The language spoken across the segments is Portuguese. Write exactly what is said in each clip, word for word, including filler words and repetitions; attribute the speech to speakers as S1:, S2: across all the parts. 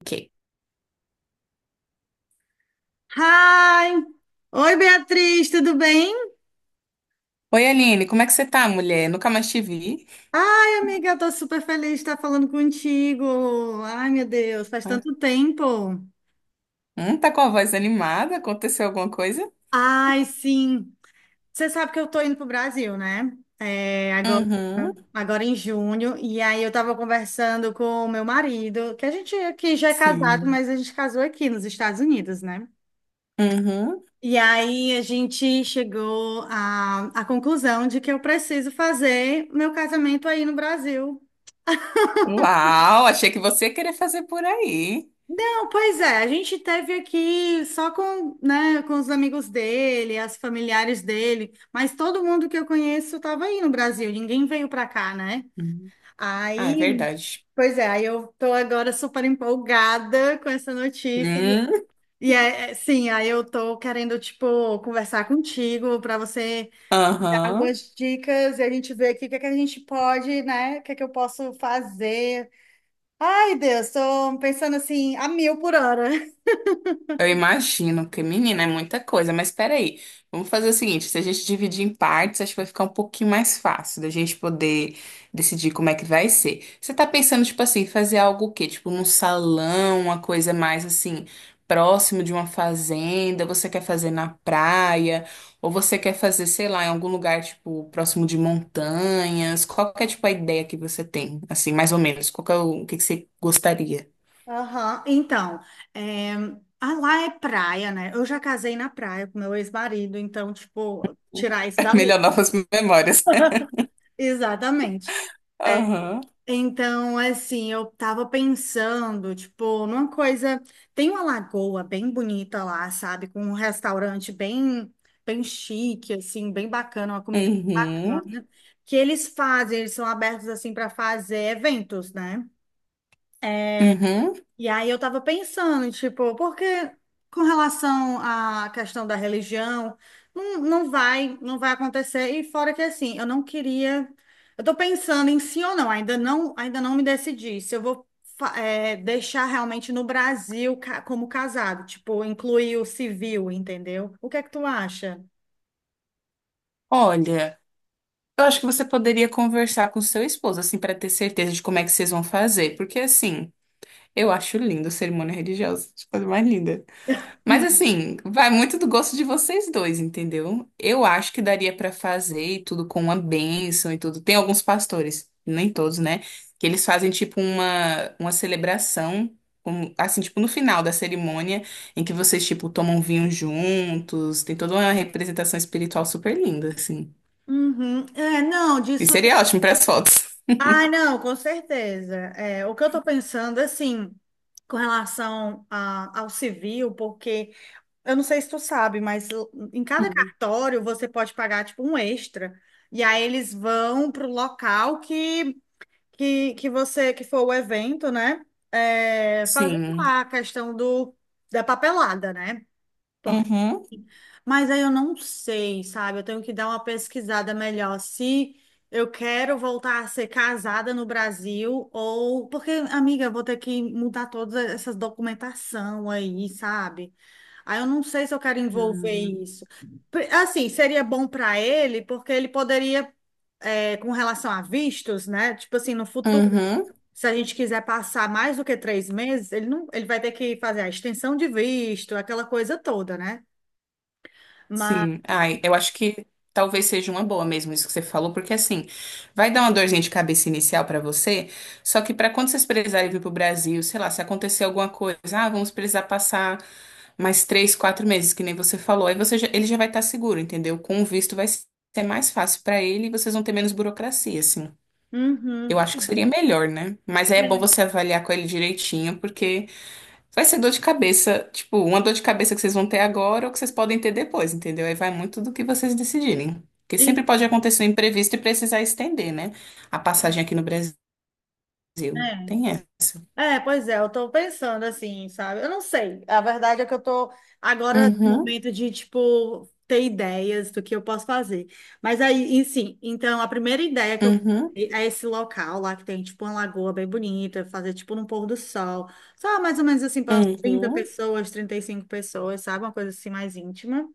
S1: Ok.
S2: Hi! Oi, Beatriz, tudo bem?
S1: Oi, Aline, como é que você tá, mulher? Nunca mais te vi.
S2: Ai, amiga, eu tô super feliz de estar falando contigo. Ai, meu Deus, faz
S1: Ah,
S2: tanto tempo.
S1: Hum, tá com a voz animada? Aconteceu alguma coisa?
S2: Ai, sim. Você sabe que eu tô indo pro Brasil, né? É, agora,
S1: Uhum,
S2: agora em junho. E aí eu tava conversando com o meu marido, que a gente aqui já é casado,
S1: sim.
S2: mas a gente casou aqui nos Estados Unidos, né?
S1: Uhum.
S2: E aí a gente chegou à, à conclusão de que eu preciso fazer meu casamento aí no Brasil.
S1: Uau, achei que você ia querer fazer por aí.
S2: Não, pois é, a gente teve aqui só com, né, com os amigos dele, as familiares dele, mas todo mundo que eu conheço estava aí no Brasil, ninguém veio para cá, né?
S1: Hum. Ah, é
S2: Aí,
S1: verdade.
S2: pois é, aí eu tô agora super empolgada com essa notícia.
S1: Hum.
S2: E é, é, sim, aí eu tô querendo, tipo, conversar contigo para você dar
S1: Aham.
S2: algumas dicas e a gente ver aqui o que é que a gente pode, né? O que é que eu posso fazer. Ai, Deus, tô pensando assim, a mil por hora.
S1: Eu imagino que, menina, é muita coisa, mas peraí, vamos fazer o seguinte, se a gente dividir em partes, acho que vai ficar um pouquinho mais fácil da gente poder decidir como é que vai ser. Você tá pensando, tipo assim, fazer algo o quê? Tipo, num salão, uma coisa mais assim, próximo de uma fazenda, você quer fazer na praia, ou você quer fazer, sei lá, em algum lugar, tipo, próximo de montanhas? Qual que é, tipo, a ideia que você tem? Assim, mais ou menos, qual que é o, o que que você gostaria?
S2: Aham. Então, é, ah, lá é praia, né? Eu já casei na praia com meu ex-marido, então, tipo, tirar isso dali.
S1: Melhorar novas memórias.
S2: Exatamente. É,
S1: Aham.
S2: então, assim, eu tava pensando, tipo, numa coisa. Tem uma lagoa bem bonita lá, sabe? Com um restaurante bem, bem chique, assim, bem bacana, uma comida.
S1: Uhum,
S2: Que eles fazem, eles são abertos, assim, para fazer eventos, né?
S1: uhum.
S2: E aí eu tava pensando, tipo, porque com relação à questão da religião, não, não vai, não vai acontecer. E fora que assim, eu não queria. Eu tô pensando em sim ou não, ainda não, ainda não me decidi se eu vou fa- eh, deixar realmente no Brasil ca- como casado, tipo, incluir o civil, entendeu? O que é que tu acha?
S1: Olha, eu acho que você poderia conversar com seu esposo, assim, para ter certeza de como é que vocês vão fazer. Porque, assim, eu acho lindo cerimônia religiosa, tipo, a coisa mais linda. Mas assim, vai muito do gosto de vocês dois, entendeu? Eu acho que daria pra fazer e tudo com uma bênção e tudo. Tem alguns pastores, nem todos, né? Que eles fazem tipo uma, uma celebração, como- assim, tipo no final da cerimônia, em que vocês, tipo, tomam vinho juntos. Tem toda uma representação espiritual super linda, assim.
S2: Uhum. É, não,
S1: E
S2: disso.
S1: seria ótimo para as fotos.
S2: Ah, não, com certeza. É, o que eu estou pensando, assim, com relação a- ao civil, porque eu não sei se tu sabe, mas l- em cada
S1: Hum.
S2: cartório você pode pagar, tipo, um extra. E aí eles vão para o local que, que, que você, que for o evento, né? É, fazer
S1: Sim.
S2: lá a questão do, da papelada, né?
S1: Uhum.
S2: Mas aí eu não sei, sabe? Eu tenho que dar uma pesquisada melhor se eu quero voltar a ser casada no Brasil ou porque, amiga, eu vou ter que mudar todas essas documentação aí, sabe? Aí eu não sei se eu quero envolver
S1: Hum.
S2: isso. Pre- Assim, seria bom para ele, porque ele poderia, é, com relação a vistos, né? Tipo assim, no futuro,
S1: Uhum.
S2: se a gente quiser passar mais do que três meses, ele não, ele vai ter que fazer a extensão de visto, aquela coisa toda, né? Mas
S1: Sim, ai, eu acho que talvez seja uma boa mesmo isso que você falou, porque assim, vai dar uma dorzinha de cabeça inicial pra você, só que pra quando vocês precisarem vir pro Brasil, sei lá, se acontecer alguma coisa, ah, vamos precisar passar mais três, quatro meses, que nem você falou, aí você já- ele já vai estar seguro, entendeu? Com o visto vai ser mais fácil pra ele e vocês vão ter menos burocracia, assim.
S2: Uhum.
S1: Eu acho que seria melhor, né? Mas aí é bom você avaliar com ele direitinho, porque vai ser dor de cabeça, tipo, uma dor de cabeça que vocês vão ter agora ou que vocês podem ter depois, entendeu? Aí vai muito do que vocês decidirem. Porque sempre
S2: Isso,
S1: pode acontecer um imprevisto e precisar estender, né? A passagem aqui no Brasil.
S2: é.
S1: Tem essa.
S2: É, pois é, eu tô pensando assim, sabe? Eu não sei. A verdade é que eu tô agora no
S1: Uhum,
S2: momento de, tipo, ter ideias do que eu posso fazer. Mas aí, e sim, então a primeira ideia que eu
S1: uhum,
S2: pensei é esse local lá que tem, tipo, uma lagoa bem bonita, fazer, tipo, num pôr do sol. Só mais ou menos assim, para umas trinta
S1: uhum,
S2: pessoas, trinta e cinco pessoas, sabe? Uma coisa assim mais íntima.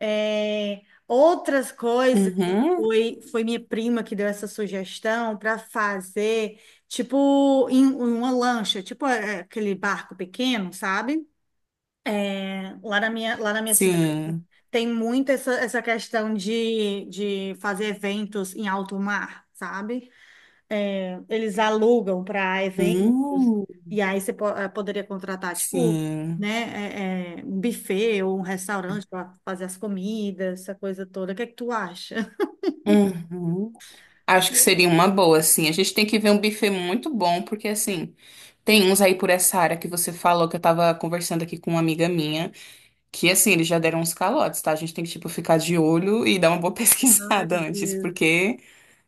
S2: É, outras coisas né,
S1: uhum.
S2: foi, foi minha prima que deu essa sugestão para fazer, tipo, em, uma lancha, tipo é, aquele barco pequeno, sabe? Lá na minha, lá na minha cidade
S1: Sim.
S2: tem muito essa, essa questão de, de fazer eventos em alto mar, sabe? Eles alugam para eventos,
S1: Hum,
S2: e aí você po- eh, poderia contratar, tipo,
S1: sim.
S2: né, eh, eh, um buffet ou um restaurante para fazer as comidas, essa coisa toda. O que é que tu acha?
S1: Uhum. Acho que seria uma boa, assim. A gente tem que ver um buffet muito bom, porque, assim, tem uns aí por essa área que você falou, que eu tava conversando aqui com uma amiga minha. Que assim, eles já deram uns calotes, tá? A gente tem que, tipo, ficar de olho e dar uma boa
S2: Ai,
S1: pesquisada antes,
S2: Deus.
S1: porque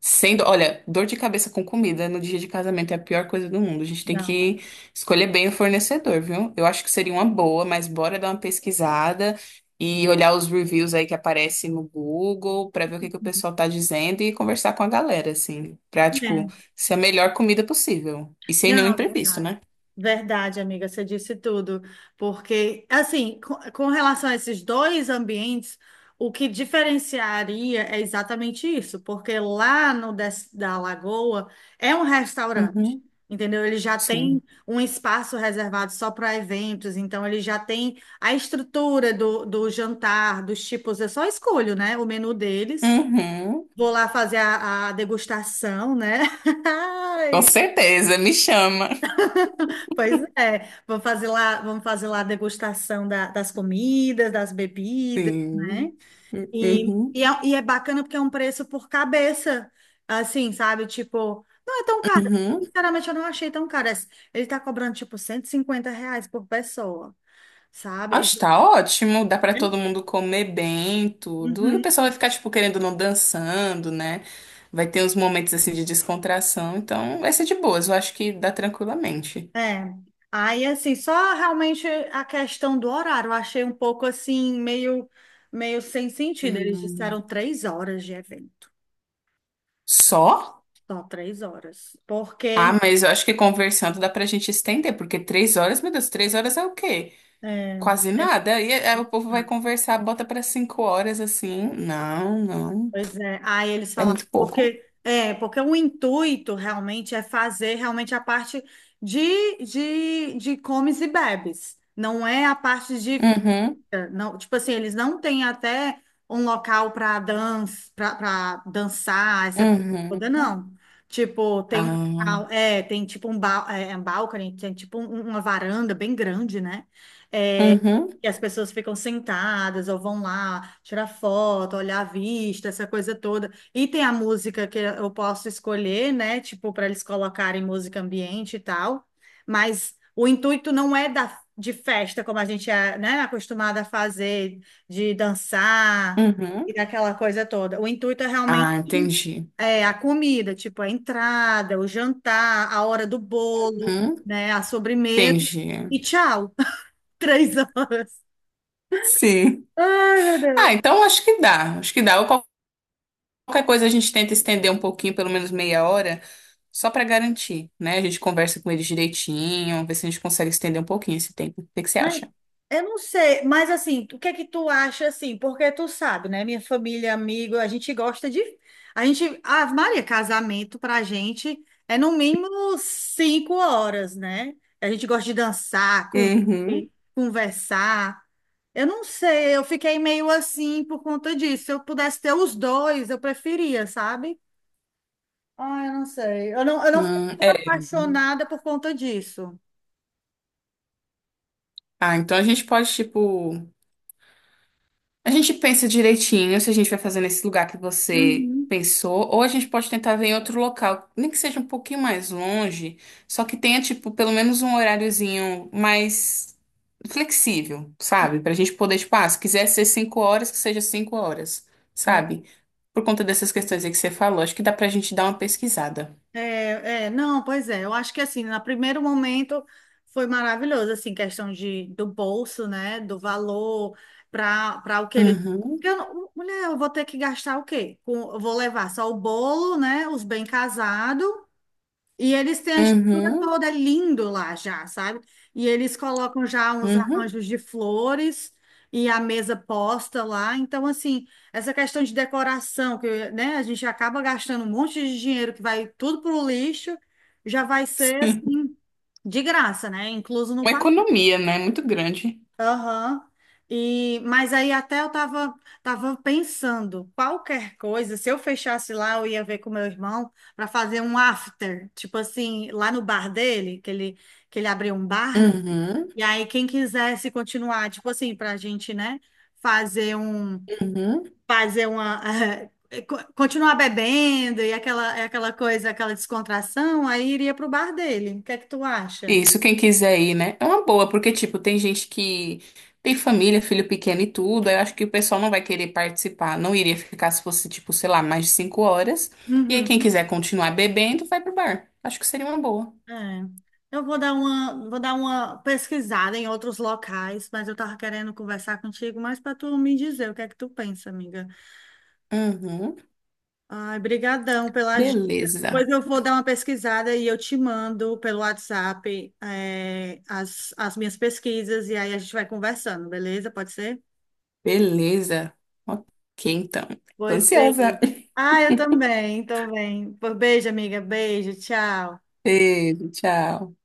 S1: sendo, olha, dor de cabeça com comida no dia de casamento é a pior coisa do mundo. A gente tem
S2: Não,
S1: que escolher bem o fornecedor, viu? Eu acho que seria uma boa, mas bora dar uma pesquisada e olhar os reviews aí que aparecem no Google pra ver o que que o pessoal tá dizendo e conversar com a galera, assim, pra, tipo,
S2: é.
S1: ser a melhor comida possível. E sem nenhum
S2: Não,
S1: imprevisto,
S2: verdade.
S1: né?
S2: Verdade, amiga, você disse tudo. Porque, assim, com, com relação a esses dois ambientes, o que diferenciaria é exatamente isso, porque lá no Des- da Lagoa é um restaurante,
S1: Uhum.
S2: entendeu? Ele já tem
S1: Sim.
S2: um espaço reservado só para eventos, então ele já tem a estrutura do, do jantar, dos tipos, eu só escolho, né, o menu deles.
S1: Uhum.
S2: Vou lá fazer a, a degustação, né?
S1: Com certeza, me chama.
S2: Pois é, vamos fazer lá, vamos fazer lá a degustação da- das comidas, das bebidas,
S1: Sim.
S2: né? E,
S1: Uhum,
S2: e, é, e é bacana porque é um preço por cabeça, assim, sabe? Tipo, não é tão caro.
S1: uhum.
S2: Sinceramente, eu não achei tão caro. Esse- Ele tá cobrando, tipo, cento e cinquenta reais por pessoa, sabe?
S1: Acho que tá ótimo, dá pra todo mundo comer bem, tudo. E o
S2: Uhum,
S1: pessoal vai ficar, tipo, querendo ou não dançando, né? Vai ter uns momentos assim de descontração, então vai ser de boas, eu acho que dá tranquilamente.
S2: é. Aí, assim, só realmente a questão do horário, eu achei um pouco, assim, meio, meio sem sentido. Eles disseram
S1: Hum.
S2: três horas de evento.
S1: Só?
S2: Só três horas.
S1: Ah,
S2: Porque,
S1: mas eu acho que conversando dá pra gente estender, porque três horas, meu Deus, três horas é o quê?
S2: é,
S1: Quase
S2: é,
S1: nada. E aí o povo vai conversar, bota pra cinco horas assim. Não, não.
S2: pois é, aí eles
S1: É
S2: falaram,
S1: muito pouco.
S2: porque, é, porque o intuito realmente é fazer realmente a parte de, de, de comes e bebes. Não é a parte de.
S1: Uhum,
S2: Não, tipo assim, eles não têm até um local para dança, para dançar, essa coisa
S1: uhum.
S2: toda, não. Tipo, tem um
S1: Ah,
S2: local, é, tem tipo um, ba é, é um balcony, tem tipo um- uma varanda bem grande, né? É,
S1: uhum,
S2: que as pessoas ficam sentadas ou vão lá tirar foto, olhar a vista, essa coisa toda. E tem a música que eu posso escolher, né? Tipo, para eles colocarem música ambiente e tal. Mas o intuito não é dar de festa, como a gente é, né, acostumada a fazer, de dançar
S1: uhum.
S2: e daquela coisa toda. O intuito é
S1: Ah,
S2: realmente
S1: entendi.
S2: é, a comida, tipo a entrada, o jantar, a hora do bolo,
S1: Uhum,
S2: né, a sobremesa
S1: entendi.
S2: e tchau. Três horas.
S1: Sim.
S2: Ai, meu
S1: Ah,
S2: Deus.
S1: então acho que dá. Acho que dá. Ou qual- qualquer coisa a gente tenta estender um pouquinho, pelo menos meia hora, só para garantir, né? A gente conversa com eles direitinho, ver se a gente consegue estender um pouquinho esse tempo. O que que você
S2: Mas
S1: acha?
S2: eu não sei, mas assim, o que é que tu acha assim? Porque tu sabe, né? Minha família, amigo, a gente gosta de. A gente. Ah, Maria, casamento pra gente é no mínimo cinco horas, né? A gente gosta de dançar, com-
S1: Uhum.
S2: conversar. Eu não sei, eu fiquei meio assim por conta disso. Se eu pudesse ter os dois, eu preferia, sabe? Ah, eu não sei. Eu não, eu não fiquei
S1: Hum, é.
S2: apaixonada por conta disso.
S1: Ah, então a gente pode, tipo. A gente pensa direitinho se a gente vai fazer nesse lugar que você
S2: Uhum.
S1: pensou, ou a gente pode tentar ver em outro local, nem que seja um pouquinho mais longe, só que tenha, tipo, pelo menos um horáriozinho mais flexível, sabe? Pra gente poder, tipo, ah, se quiser ser cinco horas, que seja cinco horas, sabe? Por conta dessas questões aí que você falou, acho que dá pra gente dar uma pesquisada.
S2: É, é, não, pois é, eu acho que assim, no primeiro momento foi maravilhoso, assim, questão de, do bolso, né, do valor para para o que ele...
S1: Uhum,
S2: Porque eu, não- mulher, eu vou ter que gastar o quê? Com- eu vou levar só o bolo, né, os bem casados, e eles têm a estrutura
S1: uhum,
S2: toda é lindo lá já, sabe? E eles colocam já uns
S1: uhum.
S2: arranjos de flores e a mesa posta lá. Então, assim, essa questão de decoração, que, né, a gente acaba gastando um monte de dinheiro que vai tudo pro lixo, já vai ser, assim, de graça, né? Incluso no
S1: Uma
S2: papel.
S1: economia, né? Muito grande.
S2: Aham. E, mas aí até eu tava, tava pensando, qualquer coisa, se eu fechasse lá, eu ia ver com meu irmão para fazer um after, tipo assim, lá no bar dele, que ele, que ele abriu um bar, né?
S1: Uhum,
S2: E aí quem quisesse continuar, tipo assim, pra gente, né, fazer um,
S1: uhum.
S2: fazer uma, eh, co- continuar bebendo e aquela, aquela coisa, aquela descontração, aí iria pro bar dele. O que é que tu acha?
S1: Isso, quem quiser ir, né? É uma boa, porque, tipo, tem gente que tem família, filho pequeno e tudo. Aí eu acho que o pessoal não vai querer participar. Não iria ficar se fosse, tipo, sei lá, mais de cinco horas. E aí, quem
S2: Uhum.
S1: quiser continuar bebendo, vai pro bar. Acho que seria uma boa.
S2: É. Eu vou dar uma, vou dar uma pesquisada em outros locais, mas eu tava querendo conversar contigo mais para tu me dizer o que é que tu pensa, amiga.
S1: Uhum.
S2: Ai, brigadão pelas dicas.
S1: Beleza.
S2: Pois eu vou dar uma pesquisada e eu te mando pelo WhatsApp, é, as, as minhas pesquisas e aí a gente vai conversando, beleza? Pode ser?
S1: Beleza. Ok, então. Tô
S2: Pois
S1: ansiosa.
S2: bem. Ah, eu também, tô bem. Pois Beijo, amiga. Beijo, tchau.
S1: Beijo, tchau.